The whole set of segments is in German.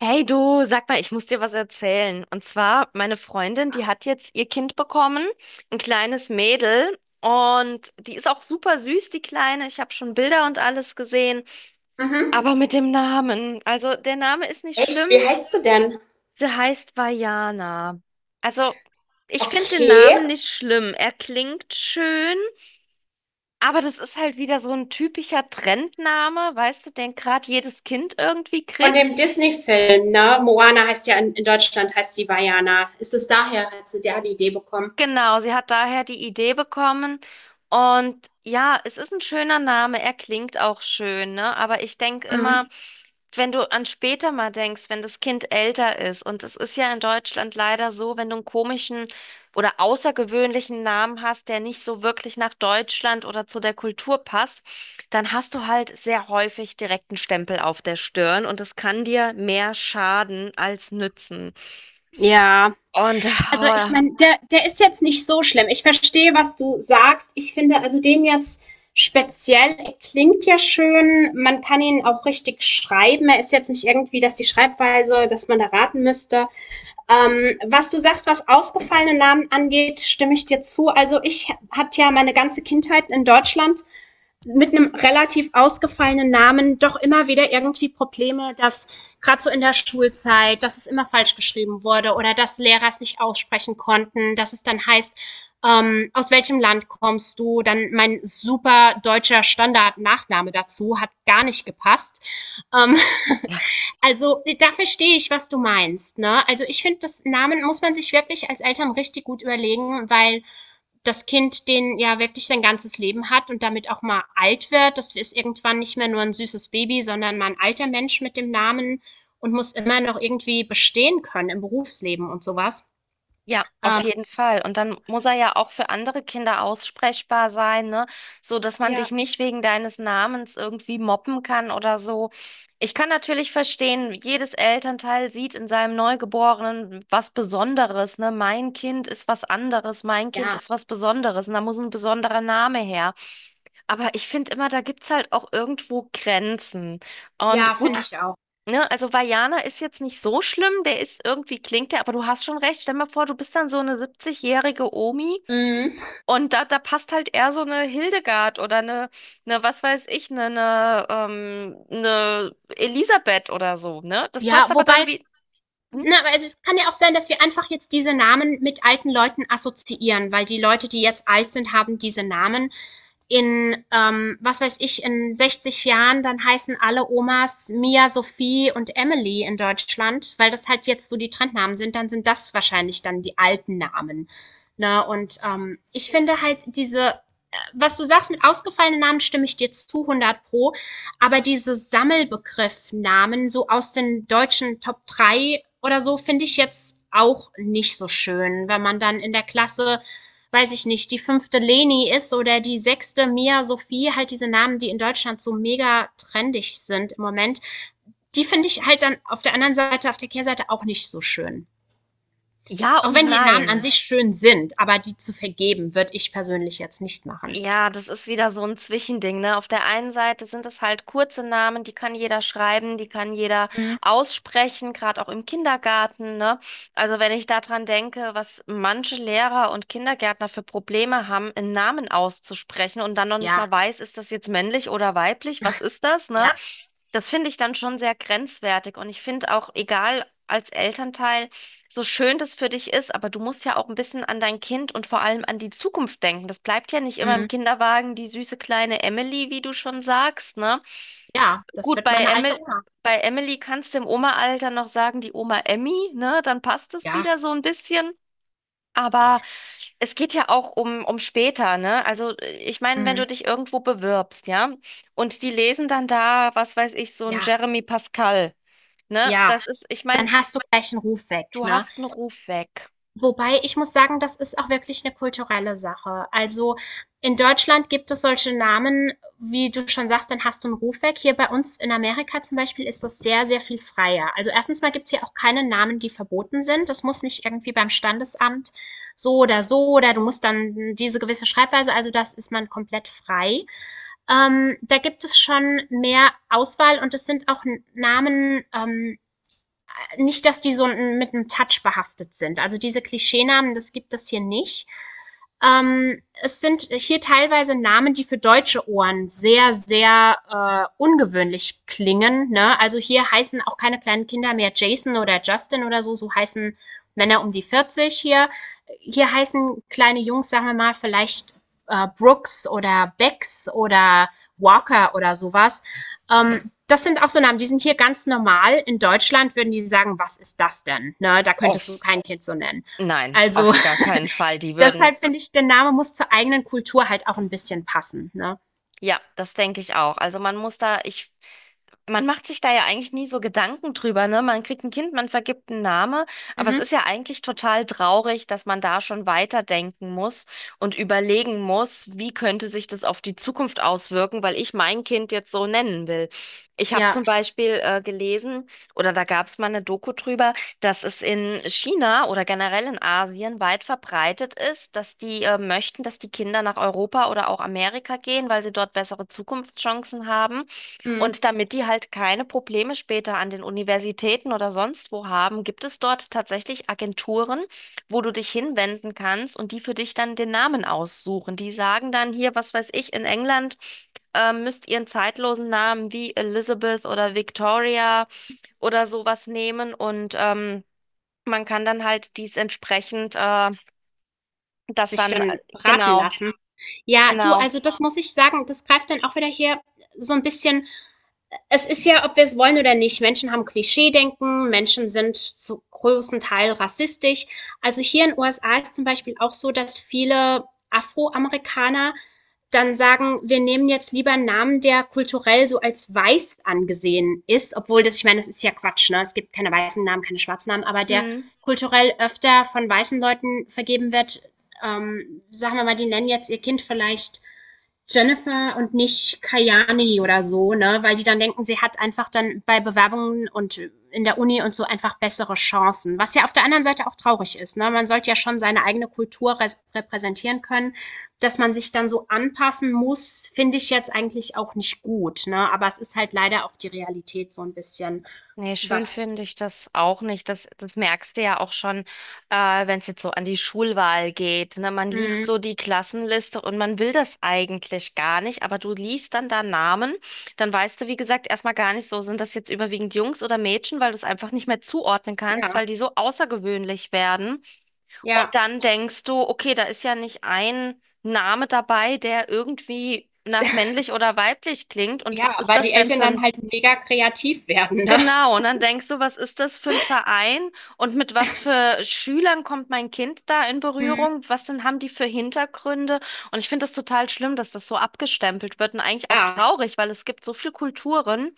Hey du, sag mal, ich muss dir was erzählen. Und zwar, meine Freundin, die Ja. hat jetzt ihr Kind bekommen, ein kleines Mädel. Und die ist auch super süß, die Kleine. Ich habe schon Bilder und alles gesehen. Mhm. Aber mit dem Namen. Also, der Name ist nicht schlimm. Echt? Wie heißt sie denn? Sie heißt Vajana. Also, ich finde den Okay. Namen nicht schlimm. Er klingt schön, aber das ist halt wieder so ein typischer Trendname, weißt du, den gerade jedes Kind irgendwie Von kriegt. dem Disney-Film, ne? Moana heißt ja in Deutschland, heißt die Vajana. Ist es daher, hat sie der die Idee bekommen? Genau, sie hat daher die Idee bekommen. Und ja, es ist ein schöner Name, er klingt auch schön, ne? Aber ich denke immer, Mhm. wenn du an später mal denkst, wenn das Kind älter ist, und es ist ja in Deutschland leider so, wenn du einen komischen oder außergewöhnlichen Namen hast, der nicht so wirklich nach Deutschland oder zu der Kultur passt, dann hast du halt sehr häufig direkt einen Stempel auf der Stirn und das kann dir mehr schaden als nützen. Ja, Und also ich oh, meine, der ist jetzt nicht so schlimm. Ich verstehe, was du sagst. Ich finde also den jetzt speziell, er klingt ja schön. Man kann ihn auch richtig schreiben. Er ist jetzt nicht irgendwie, dass die Schreibweise, dass man da raten müsste. Was du sagst, was ausgefallene Namen angeht, stimme ich dir zu. Also ich hatte ja meine ganze Kindheit in Deutschland mit einem relativ ausgefallenen Namen doch immer wieder irgendwie Probleme, dass gerade so in der Schulzeit, dass es immer falsch geschrieben wurde oder dass Lehrer es nicht aussprechen konnten, dass es dann heißt, aus welchem Land kommst du? Dann mein super deutscher Standard-Nachname dazu hat gar nicht gepasst. Ähm, ja. also da verstehe ich, was du meinst. Ne? Also ich finde, das Namen muss man sich wirklich als Eltern richtig gut überlegen, weil das Kind den ja wirklich sein ganzes Leben hat und damit auch mal alt wird. Das ist irgendwann nicht mehr nur ein süßes Baby, sondern mal ein alter Mensch mit dem Namen und muss immer noch irgendwie bestehen können im Berufsleben und sowas. Ja, auf Ähm, jeden Fall. Und dann muss er ja auch für andere Kinder aussprechbar sein, ne? So, dass man Ja, dich nicht wegen deines Namens irgendwie mobben kann oder so. Ich kann natürlich verstehen, jedes Elternteil sieht in seinem Neugeborenen was Besonderes, ne? Mein Kind ist was anderes, mein Kind ja, ist was Besonderes und da muss ein besonderer Name her. Aber ich finde immer, da gibt's halt auch irgendwo Grenzen. ja, Und finde gut, ich auch. ne, also Vajana ist jetzt nicht so schlimm, der ist irgendwie klingt der, aber du hast schon recht. Stell mal vor, du bist dann so eine 70-jährige Omi Mhm. und da, da passt halt eher so eine Hildegard oder eine was weiß ich, eine Elisabeth oder so, ne? Das Ja, passt aber wobei, dann wie. Hm? na, also es kann ja auch sein, dass wir einfach jetzt diese Namen mit alten Leuten assoziieren, weil die Leute, die jetzt alt sind, haben diese Namen in, was weiß ich, in 60 Jahren dann heißen alle Omas Mia, Sophie und Emily in Deutschland, weil das halt jetzt so die Trendnamen sind, dann sind das wahrscheinlich dann die alten Namen. Ne? Und ich finde halt diese, was du sagst mit ausgefallenen Namen, stimme ich dir zu 100 pro, aber diese Sammelbegriffnamen so aus den deutschen Top 3 oder so finde ich jetzt auch nicht so schön, wenn man dann in der Klasse weiß ich nicht, die fünfte Leni ist oder die sechste Mia Sophie, halt diese Namen, die in Deutschland so mega trendig sind im Moment, die finde ich halt dann auf der anderen Seite, auf der Kehrseite auch nicht so schön. Ja Auch und wenn die Namen an nein. sich schön sind, aber die zu vergeben, würde ich persönlich jetzt nicht machen. Ja, das ist wieder so ein Zwischending, ne? Auf der einen Seite sind es halt kurze Namen, die kann jeder schreiben, die kann jeder Mhm. aussprechen, gerade auch im Kindergarten, ne? Also wenn ich daran denke, was manche Lehrer und Kindergärtner für Probleme haben, einen Namen auszusprechen und dann noch nicht Ja, mal weiß, ist das jetzt männlich oder weiblich, was ist das, ne? ja, Das finde ich dann schon sehr grenzwertig und ich finde auch, egal als Elternteil, so schön das für dich ist, aber du musst ja auch ein bisschen an dein Kind und vor allem an die Zukunft denken. Das bleibt ja nicht immer im mhm. Kinderwagen, die süße kleine Emily, wie du schon sagst, ne? Ja, das Gut, wird meine alte Oma. bei Emily kannst du im Oma-Alter noch sagen, die Oma Emmy, ne? Dann passt es Ja, wieder so ein bisschen. Aber es geht ja auch um, um später, ne? Also, ich meine, wenn du mhm. dich irgendwo bewirbst, ja, und die lesen dann da, was weiß ich, so ein Ja, Jeremy Pascal, ne? ja. Das ist, ich meine, Dann hast du gleich einen Ruf weg, du ne? hast einen Ruf weg. Wobei, ich muss sagen, das ist auch wirklich eine kulturelle Sache. Also, in Deutschland gibt es solche Namen, wie du schon sagst, dann hast du einen Ruf weg. Hier bei uns in Amerika zum Beispiel ist das sehr, sehr viel freier. Also, erstens mal gibt's hier auch keine Namen, die verboten sind. Das muss nicht irgendwie beim Standesamt so oder so oder du musst dann diese gewisse Schreibweise, also das ist man komplett frei. Da gibt es schon mehr Auswahl und es sind auch Namen, nicht, dass die so mit einem Touch behaftet sind. Also diese Klischeenamen, das gibt es hier nicht. Es sind hier teilweise Namen, die für deutsche Ohren sehr, sehr ungewöhnlich klingen. Ne? Also hier heißen auch keine kleinen Kinder mehr Jason oder Justin oder so. So heißen Männer um die 40 hier. Hier heißen kleine Jungs, sagen wir mal, vielleicht Brooks oder Becks oder Walker oder sowas. Das sind auch so Namen, die sind hier ganz normal. In Deutschland würden die sagen, was ist das denn? Ne, da könntest du Auf kein Kind so nennen. nein, Also auf gar keinen Fall. Die würden, deshalb finde ich, der Name muss zur eigenen Kultur halt auch ein bisschen passen. Ne? ja, das denke ich auch. Also man muss da, ich, man macht sich da ja eigentlich nie so Gedanken drüber, ne? Man kriegt ein Kind, man vergibt einen Namen, aber es Mhm. ist ja eigentlich total traurig, dass man da schon weiterdenken muss und überlegen muss, wie könnte sich das auf die Zukunft auswirken, weil ich mein Kind jetzt so nennen will. Ich habe Ja. zum Beispiel gelesen, oder da gab es mal eine Doku drüber, dass es in China oder generell in Asien weit verbreitet ist, dass die möchten, dass die Kinder nach Europa oder auch Amerika gehen, weil sie dort bessere Zukunftschancen haben. Mhm. Und damit die halt keine Probleme später an den Universitäten oder sonst wo haben, gibt es dort tatsächlich Agenturen, wo du dich hinwenden kannst und die für dich dann den Namen aussuchen. Die sagen dann hier, was weiß ich, in England. Müsst ihr einen zeitlosen Namen wie Elizabeth oder Victoria oder sowas nehmen und man kann dann halt dies entsprechend, das Sich dann, dann beraten genau, lassen. Ja, du, genau. also das muss ich sagen, das greift dann auch wieder hier so ein bisschen, es ist ja, ob wir es wollen oder nicht, Menschen haben Klischeedenken, Menschen sind zu großen Teil rassistisch. Also hier in den USA ist zum Beispiel auch so, dass viele Afroamerikaner dann sagen, wir nehmen jetzt lieber einen Namen, der kulturell so als weiß angesehen ist, obwohl das, ich meine, das ist ja Quatsch, ne? Es gibt keine weißen Namen, keine schwarzen Namen, aber der Hm. kulturell öfter von weißen Leuten vergeben wird. Sagen wir mal, die nennen jetzt ihr Kind vielleicht Jennifer und nicht Kayani oder so, ne? Weil die dann denken, sie hat einfach dann bei Bewerbungen und in der Uni und so einfach bessere Chancen. Was ja auf der anderen Seite auch traurig ist, ne? Man sollte ja schon seine eigene Kultur repräsentieren können. Dass man sich dann so anpassen muss, finde ich jetzt eigentlich auch nicht gut, ne? Aber es ist halt leider auch die Realität so ein bisschen, Nee, schön was, finde ich das auch nicht. Das, das merkst du ja auch schon, wenn es jetzt so an die Schulwahl geht. Ne? Man liest mh, so die Klassenliste und man will das eigentlich gar nicht, aber du liest dann da Namen, dann weißt du, wie gesagt, erstmal gar nicht so, sind das jetzt überwiegend Jungs oder Mädchen, weil du es einfach nicht mehr zuordnen ja, kannst, weil die so außergewöhnlich werden. Und ja, dann denkst du, okay, da ist ja nicht ein Name dabei, der irgendwie nach männlich oder weiblich klingt. Und ja, was ist weil das die denn Eltern für dann ein... halt mega kreativ werden, ne? Genau, und dann denkst du, was ist das für ein Verein und mit was für Schülern kommt mein Kind da in Mhm. Berührung? Was denn haben die für Hintergründe? Und ich finde das total schlimm, dass das so abgestempelt wird und eigentlich auch Ja, traurig, weil es gibt so viele Kulturen,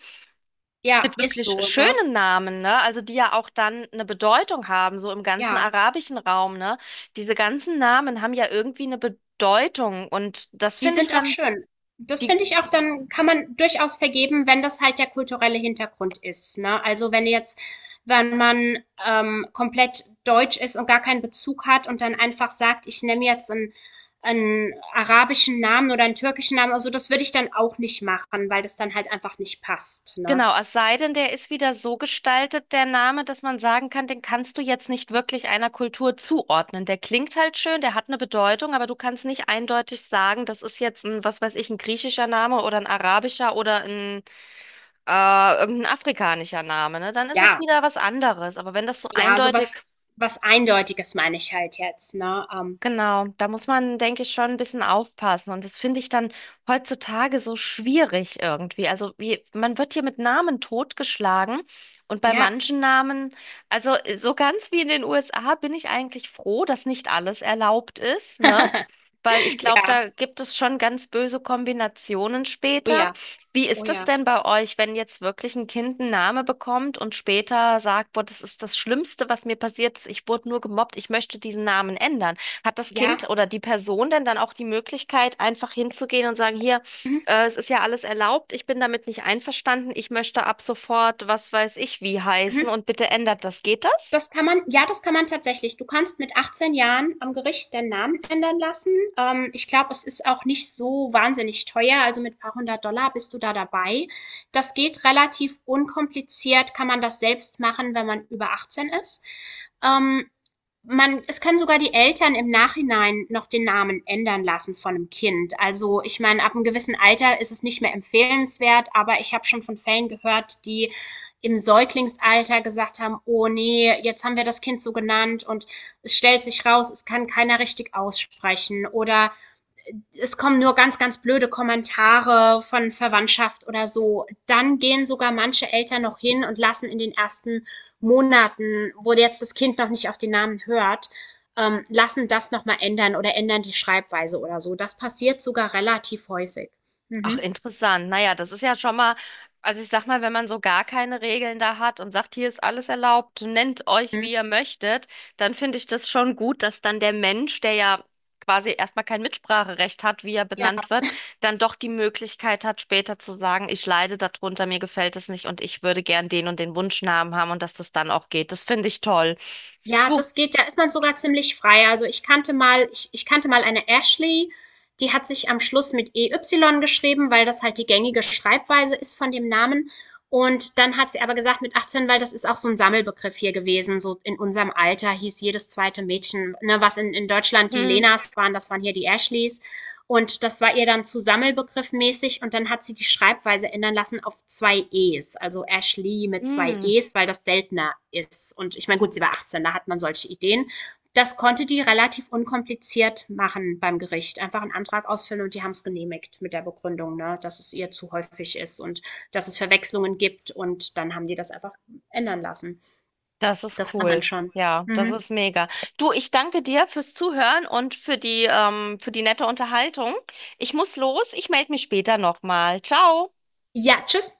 ja, mit ist wirklich so, ne? schönen Namen, ne? Also die ja auch dann eine Bedeutung haben, so im ganzen Ja. arabischen Raum, ne? Diese ganzen Namen haben ja irgendwie eine Bedeutung und das Die finde ich sind auch dann schön. Das die, finde ich auch, dann kann man durchaus vergeben, wenn das halt der kulturelle Hintergrund ist, ne? Also wenn jetzt, wenn man komplett deutsch ist und gar keinen Bezug hat und dann einfach sagt, ich nehme jetzt einen, einen arabischen Namen oder einen türkischen Namen, also das würde ich dann auch nicht machen, weil das dann halt einfach nicht passt, ne? genau, es sei denn, der ist wieder so gestaltet, der Name, dass man sagen kann, den kannst du jetzt nicht wirklich einer Kultur zuordnen. Der klingt halt schön, der hat eine Bedeutung, aber du kannst nicht eindeutig sagen, das ist jetzt ein, was weiß ich, ein griechischer Name oder ein arabischer oder ein äh, irgendein afrikanischer Name, ne? Dann ist es Ja, wieder was anderes. Aber wenn das so ja, eindeutig, sowas, was Eindeutiges meine ich halt jetzt, ne? Genau, da muss man, denke ich, schon ein bisschen aufpassen. Und das finde ich dann heutzutage so schwierig irgendwie. Also wie, man wird hier mit Namen totgeschlagen. Und bei Ja. manchen Namen, also so ganz wie in den USA, bin ich eigentlich froh, dass nicht alles erlaubt ist, ne? Weil ich glaube, Ja, da gibt es schon ganz böse Kombinationen oh später. ja, Wie oh ist das ja. denn bei euch, wenn jetzt wirklich ein Kind einen Namen bekommt und später sagt, boah, das ist das Schlimmste, was mir passiert ist, ich wurde nur gemobbt, ich möchte diesen Namen ändern. Hat das Ja. Kind oder die Person denn dann auch die Möglichkeit, einfach hinzugehen und sagen, hier, Mhm. Es ist ja alles erlaubt, ich bin damit nicht einverstanden, ich möchte ab sofort, was weiß ich, wie heißen Mhm. und bitte ändert das. Geht das? Das kann man ja, das kann man tatsächlich. Du kannst mit 18 Jahren am Gericht deinen Namen ändern lassen. Ich glaube, es ist auch nicht so wahnsinnig teuer. Also mit ein paar hundert Dollar bist du da dabei. Das geht relativ unkompliziert, kann man das selbst machen, wenn man über 18 ist. Ähm, Man, es können sogar die Eltern im Nachhinein noch den Namen ändern lassen von einem Kind. Also ich meine, ab einem gewissen Alter ist es nicht mehr empfehlenswert, aber ich habe schon von Fällen gehört, die im Säuglingsalter gesagt haben, oh nee, jetzt haben wir das Kind so genannt und es stellt sich raus, es kann keiner richtig aussprechen oder es kommen nur ganz, ganz blöde Kommentare von Verwandtschaft oder so. Dann gehen sogar manche Eltern noch hin und lassen in den ersten Monaten, wo jetzt das Kind noch nicht auf den Namen hört, lassen das nochmal ändern oder ändern die Schreibweise oder so. Das passiert sogar relativ häufig. Ach, Mhm. interessant. Naja, das ist ja schon mal, also ich sag mal, wenn man so gar keine Regeln da hat und sagt, hier ist alles erlaubt, nennt euch, Mhm. wie ihr möchtet, dann finde ich das schon gut, dass dann der Mensch, der ja quasi erstmal kein Mitspracherecht hat, wie er Ja. benannt wird, dann doch die Möglichkeit hat, später zu sagen, ich leide darunter, mir gefällt es nicht und ich würde gern den und den Wunschnamen haben und dass das dann auch geht. Das finde ich toll. Ja, Du, das geht, da ist man sogar ziemlich frei. Also, ich kannte mal eine Ashley, die hat sich am Schluss mit EY geschrieben, weil das halt die gängige Schreibweise ist von dem Namen. Und dann hat sie aber gesagt mit 18, weil das ist auch so ein Sammelbegriff hier gewesen, so in unserem Alter hieß jedes zweite Mädchen, ne, was in Deutschland die hm, Lenas waren, das waren hier die Ashleys. Und das war ihr dann zu sammelbegriffmäßig und dann hat sie die Schreibweise ändern lassen auf zwei E's, also Ashley mit zwei hm. E's, weil das seltener ist. Und ich meine, gut, sie war 18, da hat man solche Ideen. Das konnte die relativ unkompliziert machen beim Gericht. Einfach einen Antrag ausfüllen und die haben es genehmigt mit der Begründung, ne, dass es ihr zu häufig ist und dass es Verwechslungen gibt. Und dann haben die das einfach ändern lassen. Das ist Das kann man cool. schon. Ja, das Mhm. ist mega. Du, ich danke dir fürs Zuhören und für die nette Unterhaltung. Ich muss los. Ich melde mich später nochmal. Ciao. Ja, tschüss.